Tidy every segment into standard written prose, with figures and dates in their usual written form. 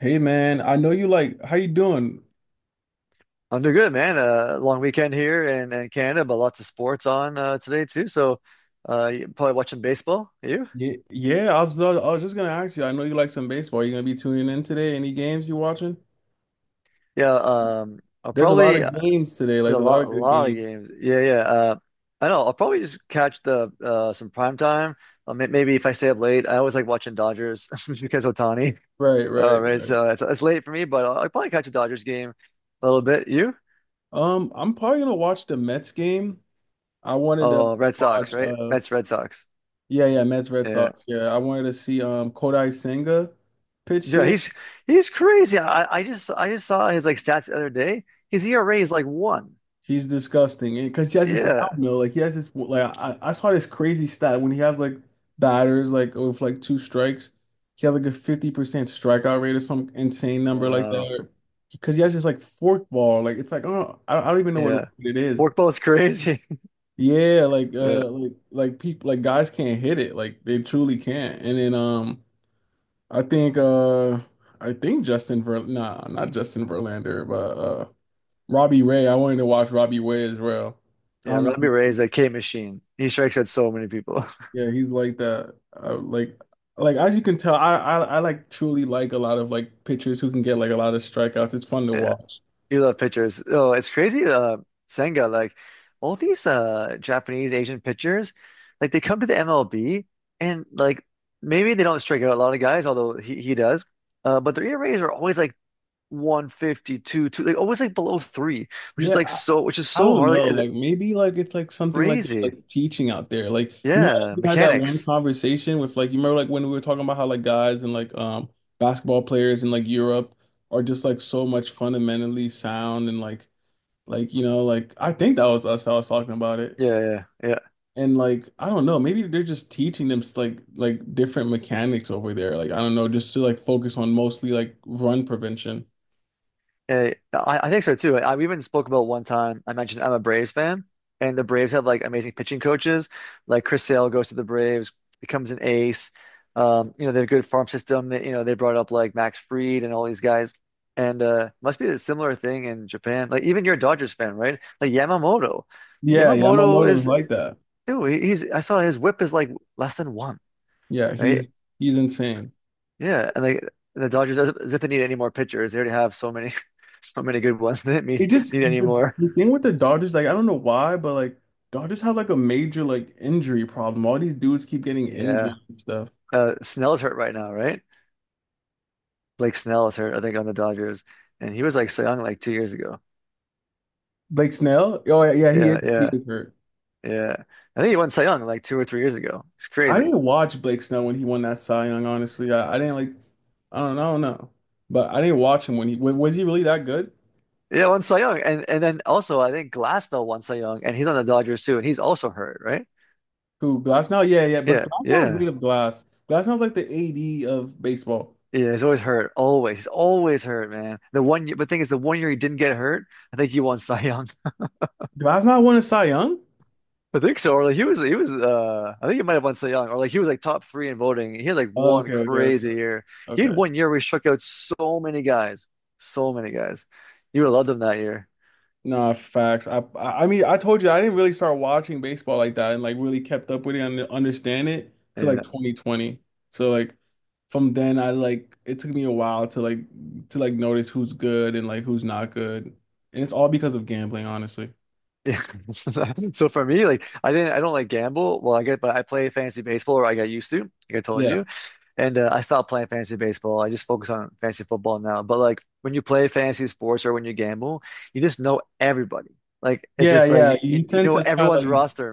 Hey man, I know you like how you doing? I'm doing good, man. Long weekend here in Canada, but lots of sports on today too. So, you probably watching baseball. You? Yeah, yeah, I was just gonna ask you. I know you like some baseball. You gonna be tuning in today? Any games you watching? Yeah. I'll There's a lot probably of games today. Like, there's there's a a lot lot, a of good lot of games. games. Yeah, yeah. I know. I'll probably just catch the some prime time. Maybe if I stay up late, I always like watching Dodgers just because Otani. Right, right, Right. right. So it's late for me, but I'll probably catch a Dodgers game a little bit. You? I'm probably gonna watch the Mets game. I wanted to Oh, Red Sox, watch right? uh Mets, Red Sox. Yeah, yeah, Mets Red Yeah. Sox. Yeah, I wanted to see Kodai Senga pitch Yeah, today. he's crazy. I just saw his like stats the other day. His ERA is like one. He's disgusting, and because he has this like I don't Yeah. know, like he has this like I saw this crazy stat when he has like batters like with like two strikes, he has like a 50% strikeout rate or some insane number like Wow. that. Because he has this like forkball, like it's like oh I don't even know what Yeah. it is. Forkball's crazy. Yeah, like Yeah. uh like like people like guys can't hit it, like they truly can't. And then I think I think Justin Ver nah, not Justin Verlander but Robbie Ray. I wanted to watch Robbie Ray as well. I Yeah. don't know Robbie if Ray you, is a K machine. He strikes at so many people. yeah, he's like that. Like, as you can tell, I like truly like a lot of like pitchers who can get like a lot of strikeouts. It's fun to Yeah. watch. You love pitchers. Oh, it's crazy. Senga, like all these Japanese Asian pitchers, like they come to the MLB and like maybe they don't strike out a lot of guys, although he does. But their ERAs are always like 152, two, like always like below three, which is Yeah, like I, so, which is I so don't hard, like know. Like maybe like it's like something like crazy. like teaching out there. Like you remember like, Yeah, we had that one mechanics. conversation with like you remember like when we were talking about how like guys and like basketball players in like Europe are just like so much fundamentally sound and like like I think that was us that was talking about it. Yeah, yeah, yeah. And like, I don't know, maybe they're just teaching them like different mechanics over there. Like, I don't know, just to like focus on mostly like run prevention. Eh, I think so too. We even spoke about one time. I mentioned I'm a Braves fan, and the Braves have like amazing pitching coaches. Like Chris Sale goes to the Braves, becomes an ace. You know, they have a good farm system. They brought up like Max Fried and all these guys. And must be a similar thing in Japan. Like even you're a Dodgers fan, right? Like Yamamoto. Yeah, Yamamoto Yamamoto is is. like that. Ew, he- he's I saw his whip is like less than one, Yeah, right? he's insane. Yeah, and like the Dodgers as if they need any more pitchers. They already have so many so many good ones. They didn't It need, just need any the, more. the thing with the Dodgers, like I don't know why, but like Dodgers have like a major like injury problem. All these dudes keep getting injured Yeah. and stuff. Snell's hurt right now, right? Blake Snell is hurt, I think, on the Dodgers. And he was like Cy Young like 2 years ago. Blake Snell? Oh yeah, yeah, he Yeah, is he yeah, is hurt. yeah. I think he won Cy Young like 2 or 3 years ago. It's I crazy. didn't watch Blake Snow when he won that Cy Young, honestly. I didn't like, I don't know, I don't know. But I didn't watch him when was he really that good? Yeah, won Cy Young. And then also I think Glasnow won Cy Young and he's on the Dodgers too, and he's also hurt, right? Who, Glasnow? Yeah, yeah, but Yeah, Glasnow is yeah. made of glass. Glasnow's like the AD of baseball. Yeah, he's always hurt. Always. He's always hurt, man. The one year, but thing is, the one year he didn't get hurt, I think he won Cy Young. Glasnow won a Cy Young? I think so. Or like I think he might have won Cy Young, or like he was like top three in voting. He had like Oh, one okay, okay, okay, crazy year. He had okay. one year where he struck out so many guys, so many guys. You would have loved him that year. No, facts. I mean, I told you I didn't really start watching baseball like that and like really kept up with it and understand it till like Yeah. 2020. So like from then I like it took me a while to notice who's good and like who's not good. And it's all because of gambling, honestly. Yeah. So for me, like I don't like gamble. Well, I get, but I play fantasy baseball, or I got used to, like I told Yeah. you. And I stopped playing fantasy baseball. I just focus on fantasy football now. But like when you play fantasy sports or when you gamble, you just know everybody. Like it's Yeah, just like yeah. You you tend know to try everyone's like roster,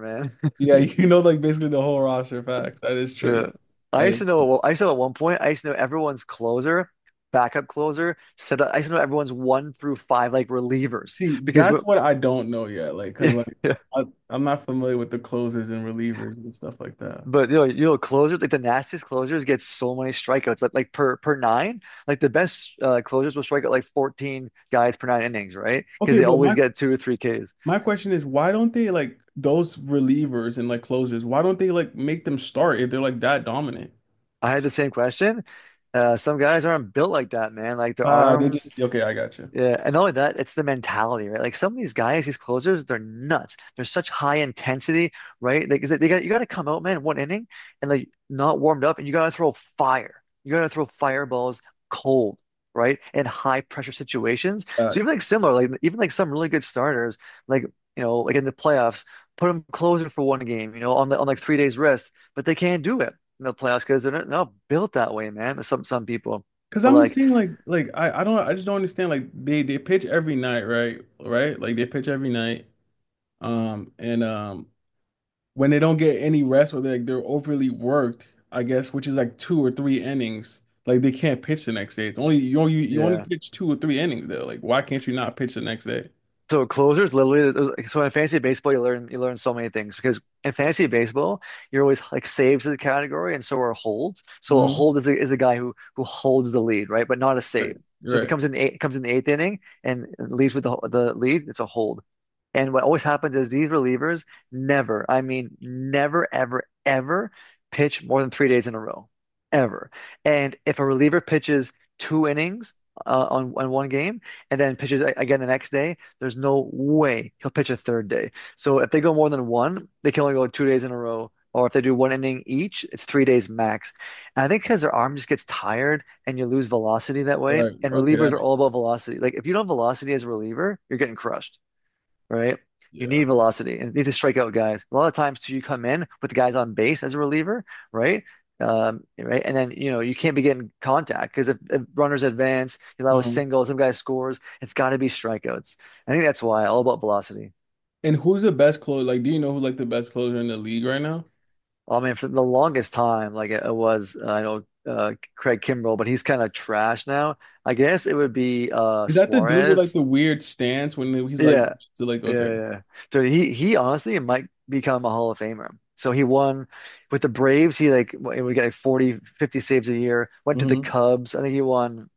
yeah, man. Like basically the whole roster facts. That is true. Yeah. I That used to is know. I used to know at one point. I used to know everyone's closer, backup closer, set up. I used to know everyone's one through five like relievers See, because that's but what I don't know yet. Like, cause like I, I'm not familiar with the closers and relievers and stuff like that. But closers like the nastiest closers get so many strikeouts, like per nine. Like the best closers will strike out like 14 guys per 9 innings, right? Because Okay, they but always my get two or three Ks. My question is, why don't they like those relievers and like closers? Why don't they like make them start if they're like that dominant? I had the same question. Some guys aren't built like that, man. Like their Ah, they arms. just. Okay, I got you. Yeah, and not only that, it's the mentality, right? Like some of these guys, these closers, they're nuts. They're such high intensity, right? Like 'cause they got you got to come out, man, one inning and like not warmed up, and you got to throw fire. You got to throw fireballs cold, right? In high pressure situations. So even Facts. like similar, like even like some really good starters, like you know, like in the playoffs, put them closing for one game, you know, on on like 3 days rest, but they can't do it in the playoffs because they're not built that way, man. Some people, Cause but I'm just like. seeing like I don't I just don't understand like they pitch every night right like they pitch every night and when they don't get any rest or they're overly worked I guess which is like two or three innings like they can't pitch the next day it's only you only Yeah. pitch two or three innings there like why can't you not pitch the next day? So closers literally so in fantasy baseball you learn so many things because in fantasy baseball you're always like saves is a category and so are holds. So a Hmm. hold is a guy who holds the lead, right? But not a Right, save. So if it right. comes in the eighth inning and leaves with the lead, it's a hold. And what always happens is these relievers never, I mean, never, ever, ever pitch more than 3 days in a row, ever. And if a reliever pitches 2 innings on, one game and then pitches again the next day, there's no way he'll pitch a third day. So if they go more than one, they can only go 2 days in a row. Or if they do one inning each, it's 3 days max. And I think because their arm just gets tired and you lose velocity that way. Right. And Okay, relievers that are makes. all about velocity. Like if you don't have velocity as a reliever, you're getting crushed, right? You Yeah. need velocity and you need to strike out guys. A lot of times too, you come in with the guys on base as a reliever, right? Right, and then you know you can't be getting contact because if runners advance, you allow a Um, single, some guy scores, it's got to be strikeouts. I think that's why all about velocity. and who's the best closer? Like, do you know who's like the best closer in the league right now? I mean, for the longest time, like it was, I know Craig Kimbrell, but he's kind of trash now. I guess it would be Is that the dude with like Suarez. the weird stance when he's like Yeah, to like. yeah, Okay, yeah, yeah. So he honestly might become a Hall of Famer. So he won with the Braves. He like he would get like 40-50 saves a year. Went to the mm-hmm. Cubs. I think he won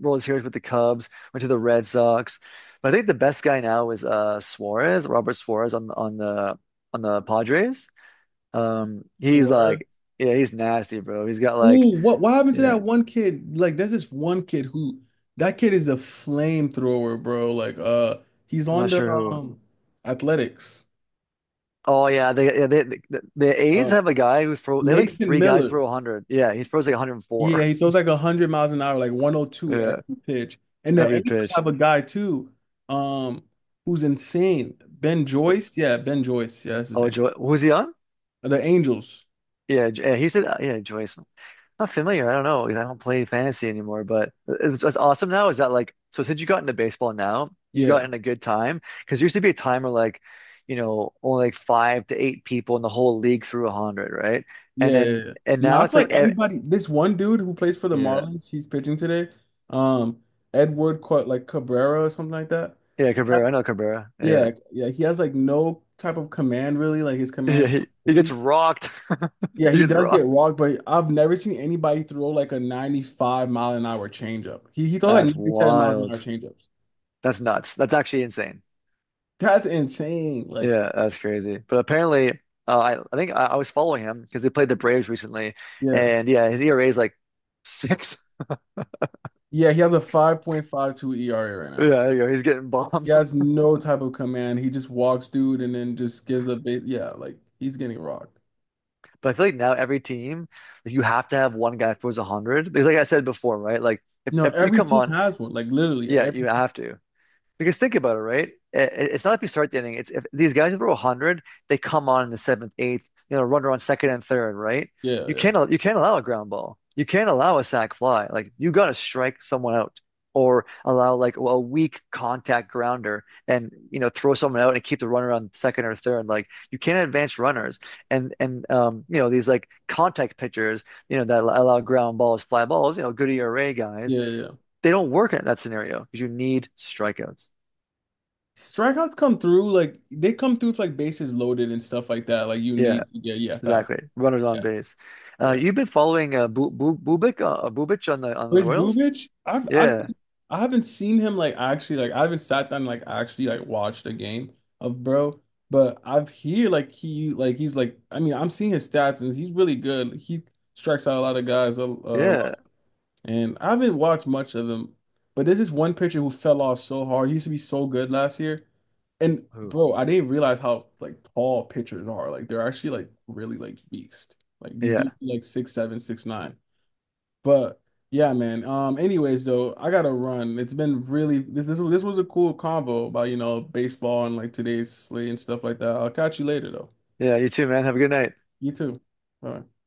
World Series with the Cubs. Went to the Red Sox. But I think the best guy now is Suarez, Robert Suarez on the Padres. He's Suarez? like, yeah, he's nasty, bro. He's got like, Ooh, what happened to yeah, that one kid? Like, there's this one kid who that kid is a flamethrower, bro. Like, he's I'm on not the sure who. Athletics. Oh yeah, the the A's Um, have a guy who throw. They have like Mason three guys Miller. throw 100. Yeah, he throws like 104. Yeah, he throws like 100 miles an hour, like 102 every Yeah, pitch. And the every Angels pitch. have a guy too, um, who's insane. Ben Joyce. Yeah, Ben Joyce. Yeah, that's his Oh, name. Joy, who's he on? The Angels. Yeah, he said, yeah, Joyce. Not familiar. I don't know because I don't play fantasy anymore. But it's awesome now. Is that like so? Since you got into baseball now, you got Yeah. in a good time because there used to be a time where like, you know, only like five to eight people in the whole league threw 100, right? Yeah. And Yeah, then yeah. and No, now I feel it's like like, everybody, this one dude who plays for the yeah, Marlins, he's pitching today. Um, Edward like Cabrera or something like that. yeah, Cabrera. I That's. know Cabrera. Yeah, Yeah, yeah. He has like no type of command really. Like his yeah, command's kind he, of he gets iffy. rocked. Yeah, He he gets does get rocked. walked, but I've never seen anybody throw like a 95-mile an hour changeup. He throws like That's 97 miles an hour wild. changeups. That's nuts. That's actually insane. That's insane. Like, Yeah, that's crazy. But apparently, I was following him because he played the Braves recently, yeah. and yeah, his ERA is like six. Yeah, he has a 5.52 ERA right Yeah, now. there, you know, he's getting He bombed. has no type of command. He just walks dude and then just gives a bit. Yeah, like he's getting rocked. But I feel like now every team, like, you have to have one guy throws 100 because, like I said before, right? Like if, No, if you every come team on, has one. Like literally yeah, every. you have to. Because think about it, right? It's not if you start the inning. It's if these guys throw 100, they come on in the seventh, eighth, you know, runner on second and third, right? Yeah, yeah. You can't allow a ground ball. You can't allow a sac fly. Like you got to strike someone out or allow like a weak contact grounder and you know throw someone out and keep the runner on second or third. Like you can't advance runners and you know these like contact pitchers you know that allow ground balls, fly balls. You know Goody Array guys, Yeah, yeah. Yeah. they don't work in that scenario because you need strikeouts. Strikeouts come through like they come through with like bases loaded and stuff like that. Like you Yeah, need. Yeah, yeah, fact. exactly. Runners on Yeah, base. Yeah. You've been following Bubic on the Chris Royals? Bubich? Yeah, I haven't seen him like actually like I haven't sat down and, like actually like watched a game of bro, but I've hear like he's like I mean I'm seeing his stats and he's really good. He strikes out a lot of guys a yeah. and I haven't watched much of him, but there's this one pitcher who fell off so hard. He used to be so good last year, and Who? bro, I didn't realize how like tall pitchers are. Like they're actually like really like beast. Like these dudes Yeah, are, like 6'7", 6'9". But yeah, man. Anyways, though, I gotta run. It's been really this was a cool convo about baseball and like today's slate and stuff like that. I'll catch you later though. yeah. You too, man. Have a good night. You too. All right.